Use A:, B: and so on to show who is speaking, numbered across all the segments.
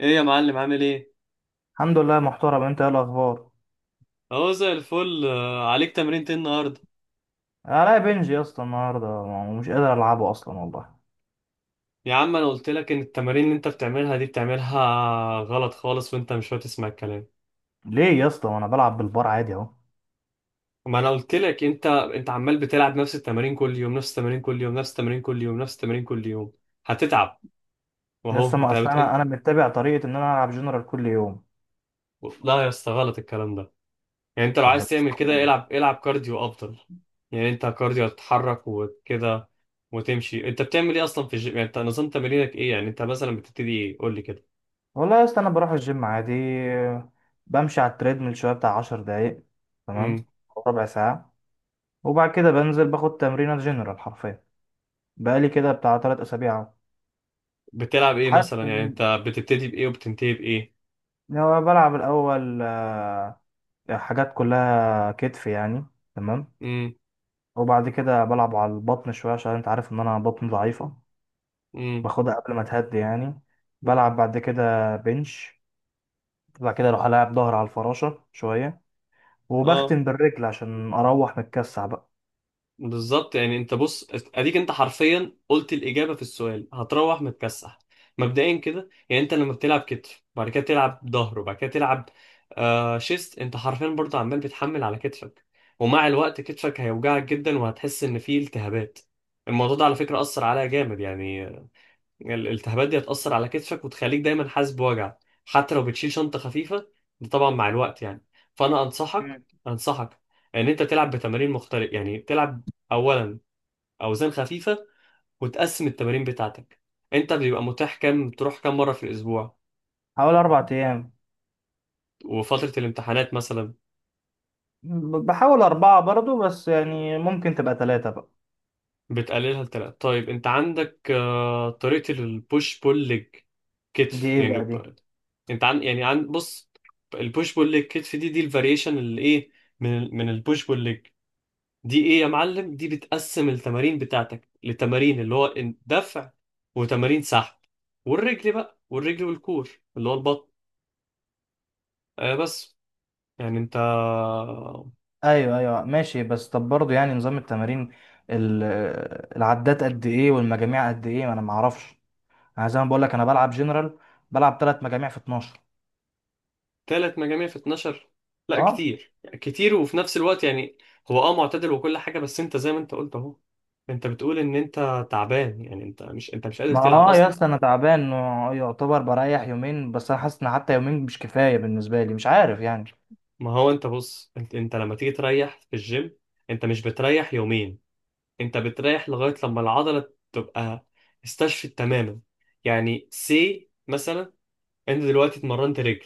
A: ايه يا معلم؟ عامل ايه؟
B: الحمد لله محترم. انت ايه الاخبار؟
A: اهو زي الفل. عليك تمرين ايه النهارده؟
B: انا بنج يا اسطى النهارده ومش قادر العبه اصلا والله.
A: يا عم انا قلت لك ان التمارين اللي انت بتعملها دي بتعملها غلط خالص، وانت مش هتسمع الكلام.
B: ليه يا اسطى وانا بلعب بالبار عادي اهو؟
A: ما انا قلت لك، انت عمال بتلعب نفس التمارين كل يوم، نفس التمارين كل يوم، نفس التمارين كل يوم، نفس التمارين كل يوم، هتتعب. واهو
B: لسه ما
A: انت
B: اصل
A: بت...
B: انا
A: انت-
B: انا متبع طريقه ان انا العب جنرال كل يوم.
A: لا يا اسطى، غلط الكلام ده. يعني انت لو
B: لما
A: عايز تعمل كده،
B: تستحمل.
A: العب العب كارديو افضل. يعني انت كارديو هتتحرك وكده وتمشي. انت بتعمل ايه اصلا في الجيم؟ يعني انت نظام تمرينك ايه؟ يعني انت مثلا بتبتدي ايه؟ قول لي.
B: والله يا اسطى انا بروح الجيم عادي، بمشي على التريدميل شويه بتاع 10 دقايق.
A: كده
B: تمام، او ربع ساعه. وبعد كده بنزل باخد تمرينه جنرال حرفيا. بقالي كده بتاع 3 اسابيع اهو.
A: بتلعب ايه
B: حاسس
A: مثلا؟ يعني
B: ان
A: انت بتبتدي بايه وبتنتهي بايه؟
B: لو بلعب الاول، آه، حاجات كلها كتف يعني. تمام.
A: امم
B: وبعد كده بلعب على البطن شوية عشان انت عارف ان انا بطني ضعيفة.
A: امم
B: باخدها قبل ما تهدي يعني. بلعب بعد كده بنش. بعد كده اروح العب ظهر على الفراشة شوية،
A: اه،
B: وبختم بالرجل عشان اروح متكسح بقى.
A: بالظبط. يعني انت بص، اديك انت حرفيا قلت الاجابه في السؤال، هتروح متكسح. مبدئيا كده، يعني انت لما بتلعب كتف وبعد كده تلعب ظهر وبعد كده تلعب آه شيست، انت حرفيا برضه عمال بتحمل على كتفك، ومع الوقت كتفك هيوجعك جدا وهتحس ان فيه التهابات. الموضوع ده على فكره اثر عليا جامد يعني. الالتهابات دي هتأثر على كتفك وتخليك دايما حاسس بوجع، حتى لو بتشيل شنطة خفيفة. ده طبعا مع الوقت يعني. فأنا أنصحك،
B: مم.
A: أنصحك إن أنت تلعب بتمارين مختلفة، يعني تلعب أولا أوزان خفيفة، وتقسم التمارين بتاعتك. أنت بيبقى متاح كام؟ تروح كام مرة في الأسبوع؟
B: حوالي اربع ايام.
A: وفترة الامتحانات مثلا
B: بحاول اربعة برضو بس يعني ممكن تبقى ثلاثة بقى.
A: بتقللها لتلاتة. طيب، انت عندك طريقة البوش بول ليج
B: دي
A: كتف،
B: ايه
A: يعني
B: بقى دي؟
A: انت عن يعني عن بص، البوش بول ليج كتف، دي الفاريشن اللي ايه، من من البوش بول ليج، دي ايه يا معلم؟ دي بتقسم التمارين بتاعتك لتمارين اللي هو دفع وتمارين سحب، والرجل بقى، والرجل والكور اللي هو البطن. آه بس. يعني انت
B: ايوه ايوه، ماشي، بس طب برضو يعني نظام التمارين، ال- العدات قد ايه والمجاميع قد ايه؟ ما انا معرفش. انا زي ما بقول لك انا بلعب جنرال. بلعب ثلاث مجاميع في 12.
A: ثلاث مجاميع في 12؟ لا كتير، يعني كتير، وفي نفس الوقت يعني هو اه معتدل وكل حاجة، بس انت زي ما انت قلت اهو، انت بتقول ان انت تعبان، يعني انت مش قادر
B: ما
A: تلعب
B: اه يا
A: اصلا.
B: اسطى انا تعبان. يعتبر بريح يومين بس انا حاسس ان حتى يومين مش كفايه بالنسبه لي، مش عارف يعني.
A: ما هو انت بص، انت لما تيجي تريح في الجيم، انت مش بتريح يومين، انت بتريح لغاية لما العضلة تبقى استشفت تماما. يعني سي مثلا، انت دلوقتي اتمرنت رجل،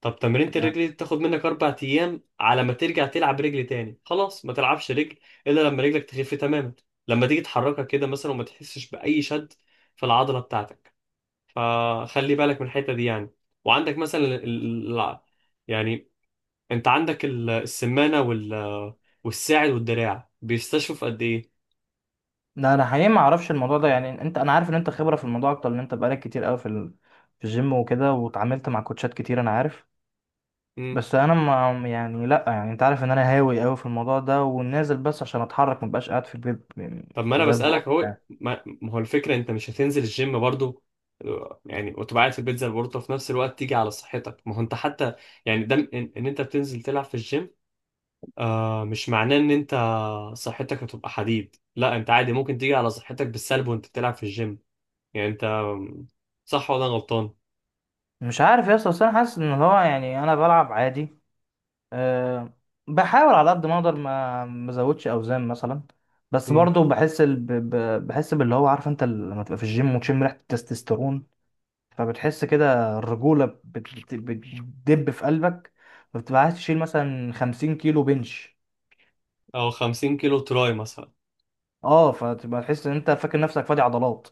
A: طب تمرينة الرجل
B: آه.
A: دي بتاخد منك اربع ايام على ما ترجع تلعب رجل تاني. خلاص، ما تلعبش رجل الا لما رجلك تخف تماما، لما تيجي تحركها كده مثلا وما تحسش باي شد في العضلة بتاعتك. فخلي بالك من الحتة دي يعني. وعندك مثلا يعني، انت عندك السمانة والساعد والدراع بيستشفوا في قد
B: لا انا حقيقي ما اعرفش الموضوع ده يعني انت، انا عارف ان انت خبره في الموضوع اكتر ان انت بقالك كتير قوي في الجيم وكده واتعاملت مع كوتشات كتير انا عارف.
A: ايه.
B: بس انا ما يعني لا يعني انت عارف ان انا هاوي قوي في الموضوع ده ونازل بس عشان اتحرك ما بقاش قاعد في البيت يعني
A: طب ما انا
B: زي البروف
A: بسألك اهو،
B: يعني.
A: ما هو الفكرة، انت مش هتنزل الجيم برضو؟ يعني وتبقى قاعد في البيت زي البورتو، وفي نفس الوقت تيجي على صحتك. ما هو انت حتى يعني ده إن انت بتنزل تلعب في الجيم، آه، مش معناه ان انت صحتك هتبقى حديد. لا، انت عادي ممكن تيجي على صحتك بالسلب وانت بتلعب في الجيم. يعني انت، صح ولا أنا غلطان؟
B: مش عارف يا اسطى بس انا حاسس ان هو يعني انا بلعب عادي. أه. بحاول على قد ما اقدر ما ازودش اوزان مثلا. بس
A: مم.
B: برضو بحس باللي هو عارف انت لما تبقى في الجيم وتشم ريحه التستوستيرون. فبتحس كده الرجوله بتدب في قلبك. فبتبقى عايز تشيل مثلا 50 كيلو بنش.
A: او 50 كيلو تراي مثلا.
B: اه، فتبقى تحس ان انت فاكر نفسك فادي عضلات.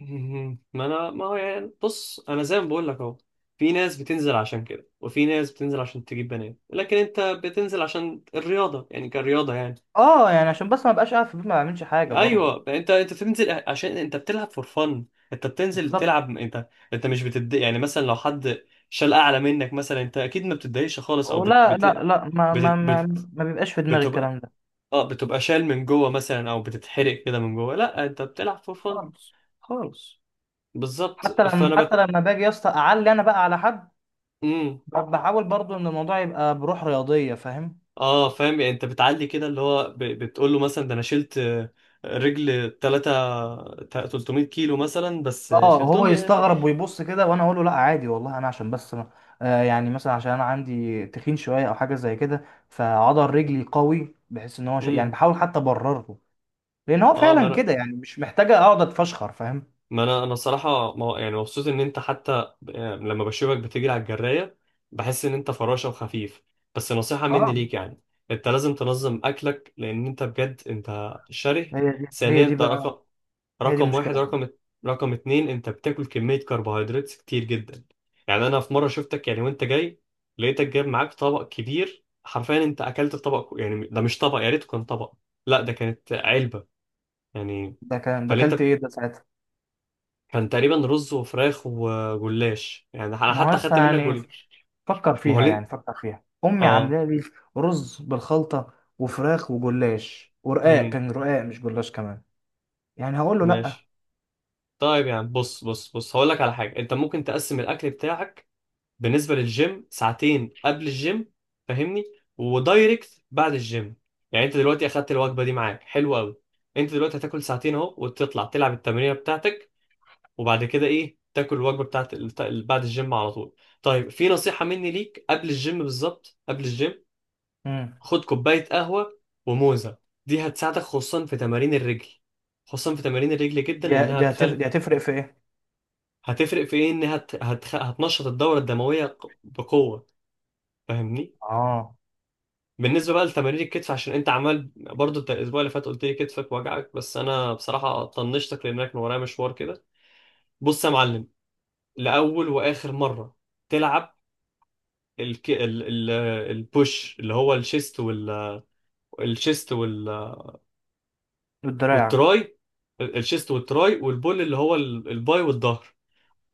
A: مهم. ما انا ما هو يعني بص، انا زي ما بقول لك اهو، في ناس بتنزل عشان كده، وفي ناس بتنزل عشان تجيب بنات، لكن انت بتنزل عشان الرياضه، يعني كرياضه يعني.
B: اه يعني عشان بس ما بقاش قاعد في البيت ما بعملش حاجه برضو.
A: ايوه، انت بتنزل عشان انت بتلعب فور فن، انت بتنزل
B: بالظبط.
A: تلعب، انت مش بتد، يعني مثلا لو حد شال اعلى منك مثلا، انت اكيد ما بتتضايقش خالص، او
B: ولا لا لا، ما ما
A: بت...
B: ما
A: بت...
B: ما بيبقاش في دماغي
A: بتبقى،
B: الكلام ده.
A: اه بتبقى شال من جوه مثلا، او بتتحرق كده من جوه. لا انت بتلعب فور فن،
B: خالص خالص.
A: بالظبط.
B: حتى لما، حتى لما باجي يا اسطى اعلي انا بقى على حد،
A: مم.
B: بحاول برضو ان الموضوع يبقى بروح رياضيه، فاهم؟
A: اه فاهم. يعني انت بتعلي كده، اللي هو بتقول له مثلا ده انا شلت رجل 3 300 كيلو مثلا، بس
B: اه هو
A: شلتهم يعني.
B: يستغرب ويبص كده وانا اقول له لا عادي والله، انا عشان بس يعني مثلا عشان انا عندي تخين شويه او حاجه زي كده فعضل رجلي قوي، بحيث ان هو يعني
A: امم
B: بحاول حتى ابرر له. لان هو
A: اه. ما
B: فعلا
A: انا
B: كده يعني مش محتاجه اقعد اتفشخر، فاهم؟
A: ما انا انا صراحه، ما يعني مبسوط ان انت حتى لما بشوفك بتجري على الجرايه، بحس ان انت فراشه وخفيف. بس نصيحه مني
B: اه.
A: ليك، يعني انت لازم تنظم اكلك، لان انت بجد انت شره.
B: هي دي هي
A: ثانيا،
B: دي
A: ده
B: بقى،
A: رقم،
B: هي دي
A: رقم واحد
B: المشكله.
A: رقم رقم اتنين، انت بتاكل كميه كربوهيدرات كتير جدا. يعني انا في مره شفتك، يعني وانت جاي، لقيتك جايب معاك طبق كبير حرفيا، انت اكلت الطبق، يعني ده مش طبق، يا ريت كان طبق، لا ده كانت علبه يعني.
B: ده كان، ده
A: فاللي انت
B: اكلت ايه ده ساعتها؟
A: كان تقريبا رز وفراخ وجلاش، يعني انا
B: ما هو
A: حتى خدت
B: اصلا
A: منك
B: يعني،
A: جل.
B: فكر
A: ما هو
B: فيها يعني،
A: ليه؟
B: فكر فيها امي
A: اه.
B: عامله لي رز بالخلطه وفراخ وجلاش، ورقاق،
A: امم
B: كان رقاق مش جلاش كمان. يعني هقول له لا؟
A: ماشي. طيب يعني بص بص بص، هقول لك على حاجه، انت ممكن تقسم الاكل بتاعك بالنسبه للجيم، ساعتين قبل الجيم، فاهمني، ودايركت بعد الجيم. يعني انت دلوقتي اخدت الوجبه دي معاك، حلو قوي، انت دلوقتي هتاكل ساعتين اهو وتطلع تلعب التمرينه بتاعتك، وبعد كده ايه، تاكل الوجبه بتاعت بعد الجيم على طول. طيب، في نصيحه مني ليك، قبل الجيم بالظبط، قبل الجيم
B: امم.
A: خد كوباية قهوة وموزة. دي هتساعدك خصوصا في تمارين الرجل، خصوصا في تمارين الرجل جدا،
B: دي
A: انها
B: دي هتف...
A: تخل.
B: دي هتفرق في ايه؟
A: هتفرق في ايه؟ انها هتنشط الدورة الدموية بقوة، فاهمني.
B: اه.
A: بالنسبة بقى لتمارين الكتف، عشان انت عمال برضو، انت الاسبوع اللي فات قلت لي كتفك وجعك، بس انا بصراحة طنشتك لانك كان ورايا مشوار كده. بص يا معلم، لاول واخر مرة تلعب الك... ال... ال... البوش، اللي هو الشيست الشيست
B: الدراع.
A: والتراي، الشيست والتراي، والبول اللي هو الباي والظهر،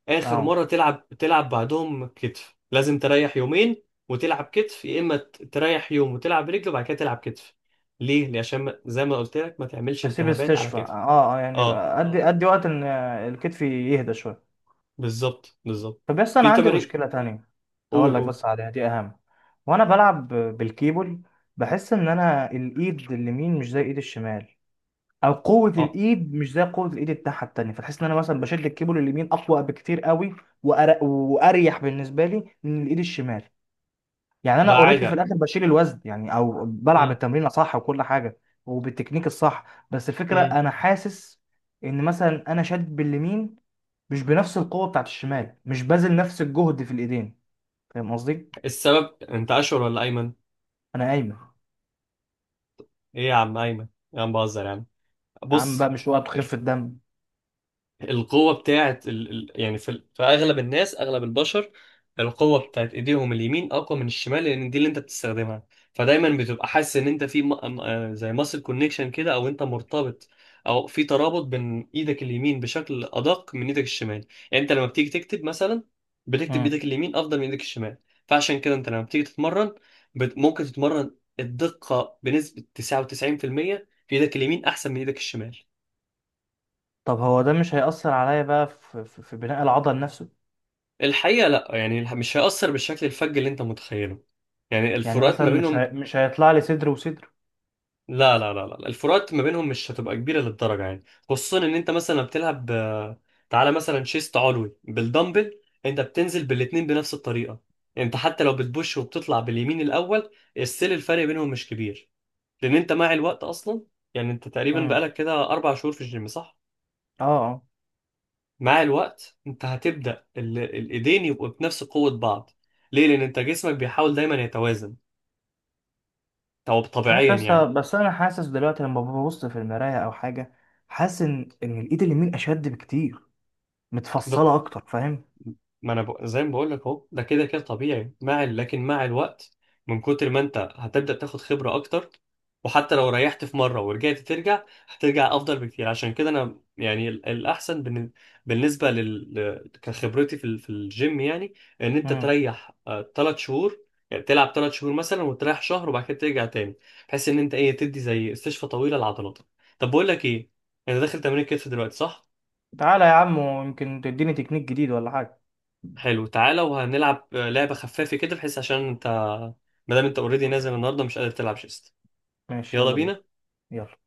A: اخر
B: اه.
A: مره تلعب، تلعب بعدهم كتف لازم تريح يومين، وتلعب كتف. يا اما تريح يوم وتلعب رجل، وبعد كده تلعب كتف. ليه؟ ليه؟ عشان زي ما قلت لك، ما تعملش
B: اسيب
A: التهابات على
B: استشفى،
A: كتف.
B: اه اه يعني
A: اه
B: يبقى ادي، اه ادي وقت ان الكتف يهدى شويه.
A: بالظبط بالظبط.
B: طب بس انا
A: في
B: عندي
A: تمارين.
B: مشكله تانية. هقول
A: قول
B: لك
A: قول.
B: بس عليها، دي اهم. وانا بلعب بالكيبل، بحس ان انا الايد اليمين مش زي ايد الشمال، او قوه
A: اه،
B: الايد مش زي قوه الايد التحت التانيه. فتحس ان انا مثلا بشد الكيبل اليمين اقوى بكتير قوي، وأر- واريح بالنسبه لي من الايد الشمال. يعني انا
A: ده
B: اوريدي
A: عادي.
B: في الاخر بشيل الوزن يعني، او بلعب
A: مم.
B: التمرين صح وكل حاجه وبالتكنيك الصح، بس الفكره
A: مم.
B: انا حاسس ان مثلا انا شاد باليمين مش بنفس القوه بتاعت الشمال، مش باذل نفس الجهد في الايدين، فاهم قصدي؟
A: السبب، انت اشهر ولا ايمن؟
B: انا قايمه.
A: ايه يا عم ايمن، يا عم بهزر يا عم.
B: يا عم
A: بص،
B: بقى مش وقت خفه الدم.
A: القوة بتاعت يعني في أغلب الناس، أغلب البشر، القوة بتاعت إيديهم اليمين أقوى من الشمال، لأن دي اللي أنت بتستخدمها. فدايما بتبقى حاسس إن أنت في زي ماسل كونكشن كده، أو أنت مرتبط، أو في ترابط بين إيدك اليمين بشكل أدق من إيدك الشمال. يعني أنت لما بتيجي تكتب مثلا، بتكتب
B: مم.
A: بإيدك اليمين أفضل من إيدك الشمال. فعشان كده، أنت لما بتيجي تتمرن، ممكن تتمرن الدقة بنسبة 99% في المية في إيدك اليمين أحسن من إيدك الشمال.
B: طب هو ده مش هيأثر عليا بقى في في بناء العضل نفسه؟
A: الحقيقة لا يعني، مش هيأثر بالشكل الفج اللي انت متخيله، يعني
B: يعني
A: الفروقات
B: مثلا
A: ما بينهم،
B: مش هيطلع لي صدر وصدر؟
A: لا لا لا لا، الفروقات ما بينهم مش هتبقى كبيرة للدرجة يعني. خصوصا ان انت مثلا بتلعب، تعالى مثلا شيست علوي بالدمبل، انت بتنزل بالاتنين بنفس الطريقة، انت حتى لو بتبوش وبتطلع باليمين الاول، السيل الفرق بينهم مش كبير. لان انت مع الوقت اصلا، يعني انت تقريبا
B: امم.
A: بقالك كده اربع شهور في الجيم صح؟
B: اه اه.
A: مع الوقت انت هتبدأ الايدين يبقوا بنفس قوة بعض. ليه؟ لأن أنت جسمك بيحاول دايما يتوازن، أو
B: مش عارف
A: طبيعيا
B: يا
A: يعني.
B: اسطى بس انا حاسس دلوقتي لما ببص في المرايه او حاجه، حاسس ان الايد اليمين اشد بكتير،
A: ده
B: متفصله اكتر، فاهم؟
A: ما أنا زي ما بقول لك أهو، ده كده كده طبيعي مع لكن مع الوقت، من كتر ما أنت هتبدأ تاخد خبرة أكتر، وحتى لو ريحت في مرة ورجعت ترجع، هترجع أفضل بكتير. عشان كده أنا يعني بالنسبة كخبرتي في في الجيم يعني، إن أنت
B: امم.
A: تريح ثلاث شهور، يعني تلعب ثلاث شهور مثلا وتريح شهر وبعد كده ترجع تاني، بحيث إن أنت إيه، تدي زي استشفى طويلة لعضلاتك. طب بقول لك إيه، أنا داخل تمرين كتف دلوقتي صح؟
B: تعالى يا عم ويمكن تديني تكنيك جديد ولا حاجه.
A: حلو، تعالى، وهنلعب لعبة خفافة كده، بحيث عشان انت مادام انت اوريدي نازل النهارده مش قادر تلعب شيست.
B: ماشي
A: يلا
B: يلا بينا.
A: بينا.
B: يلا.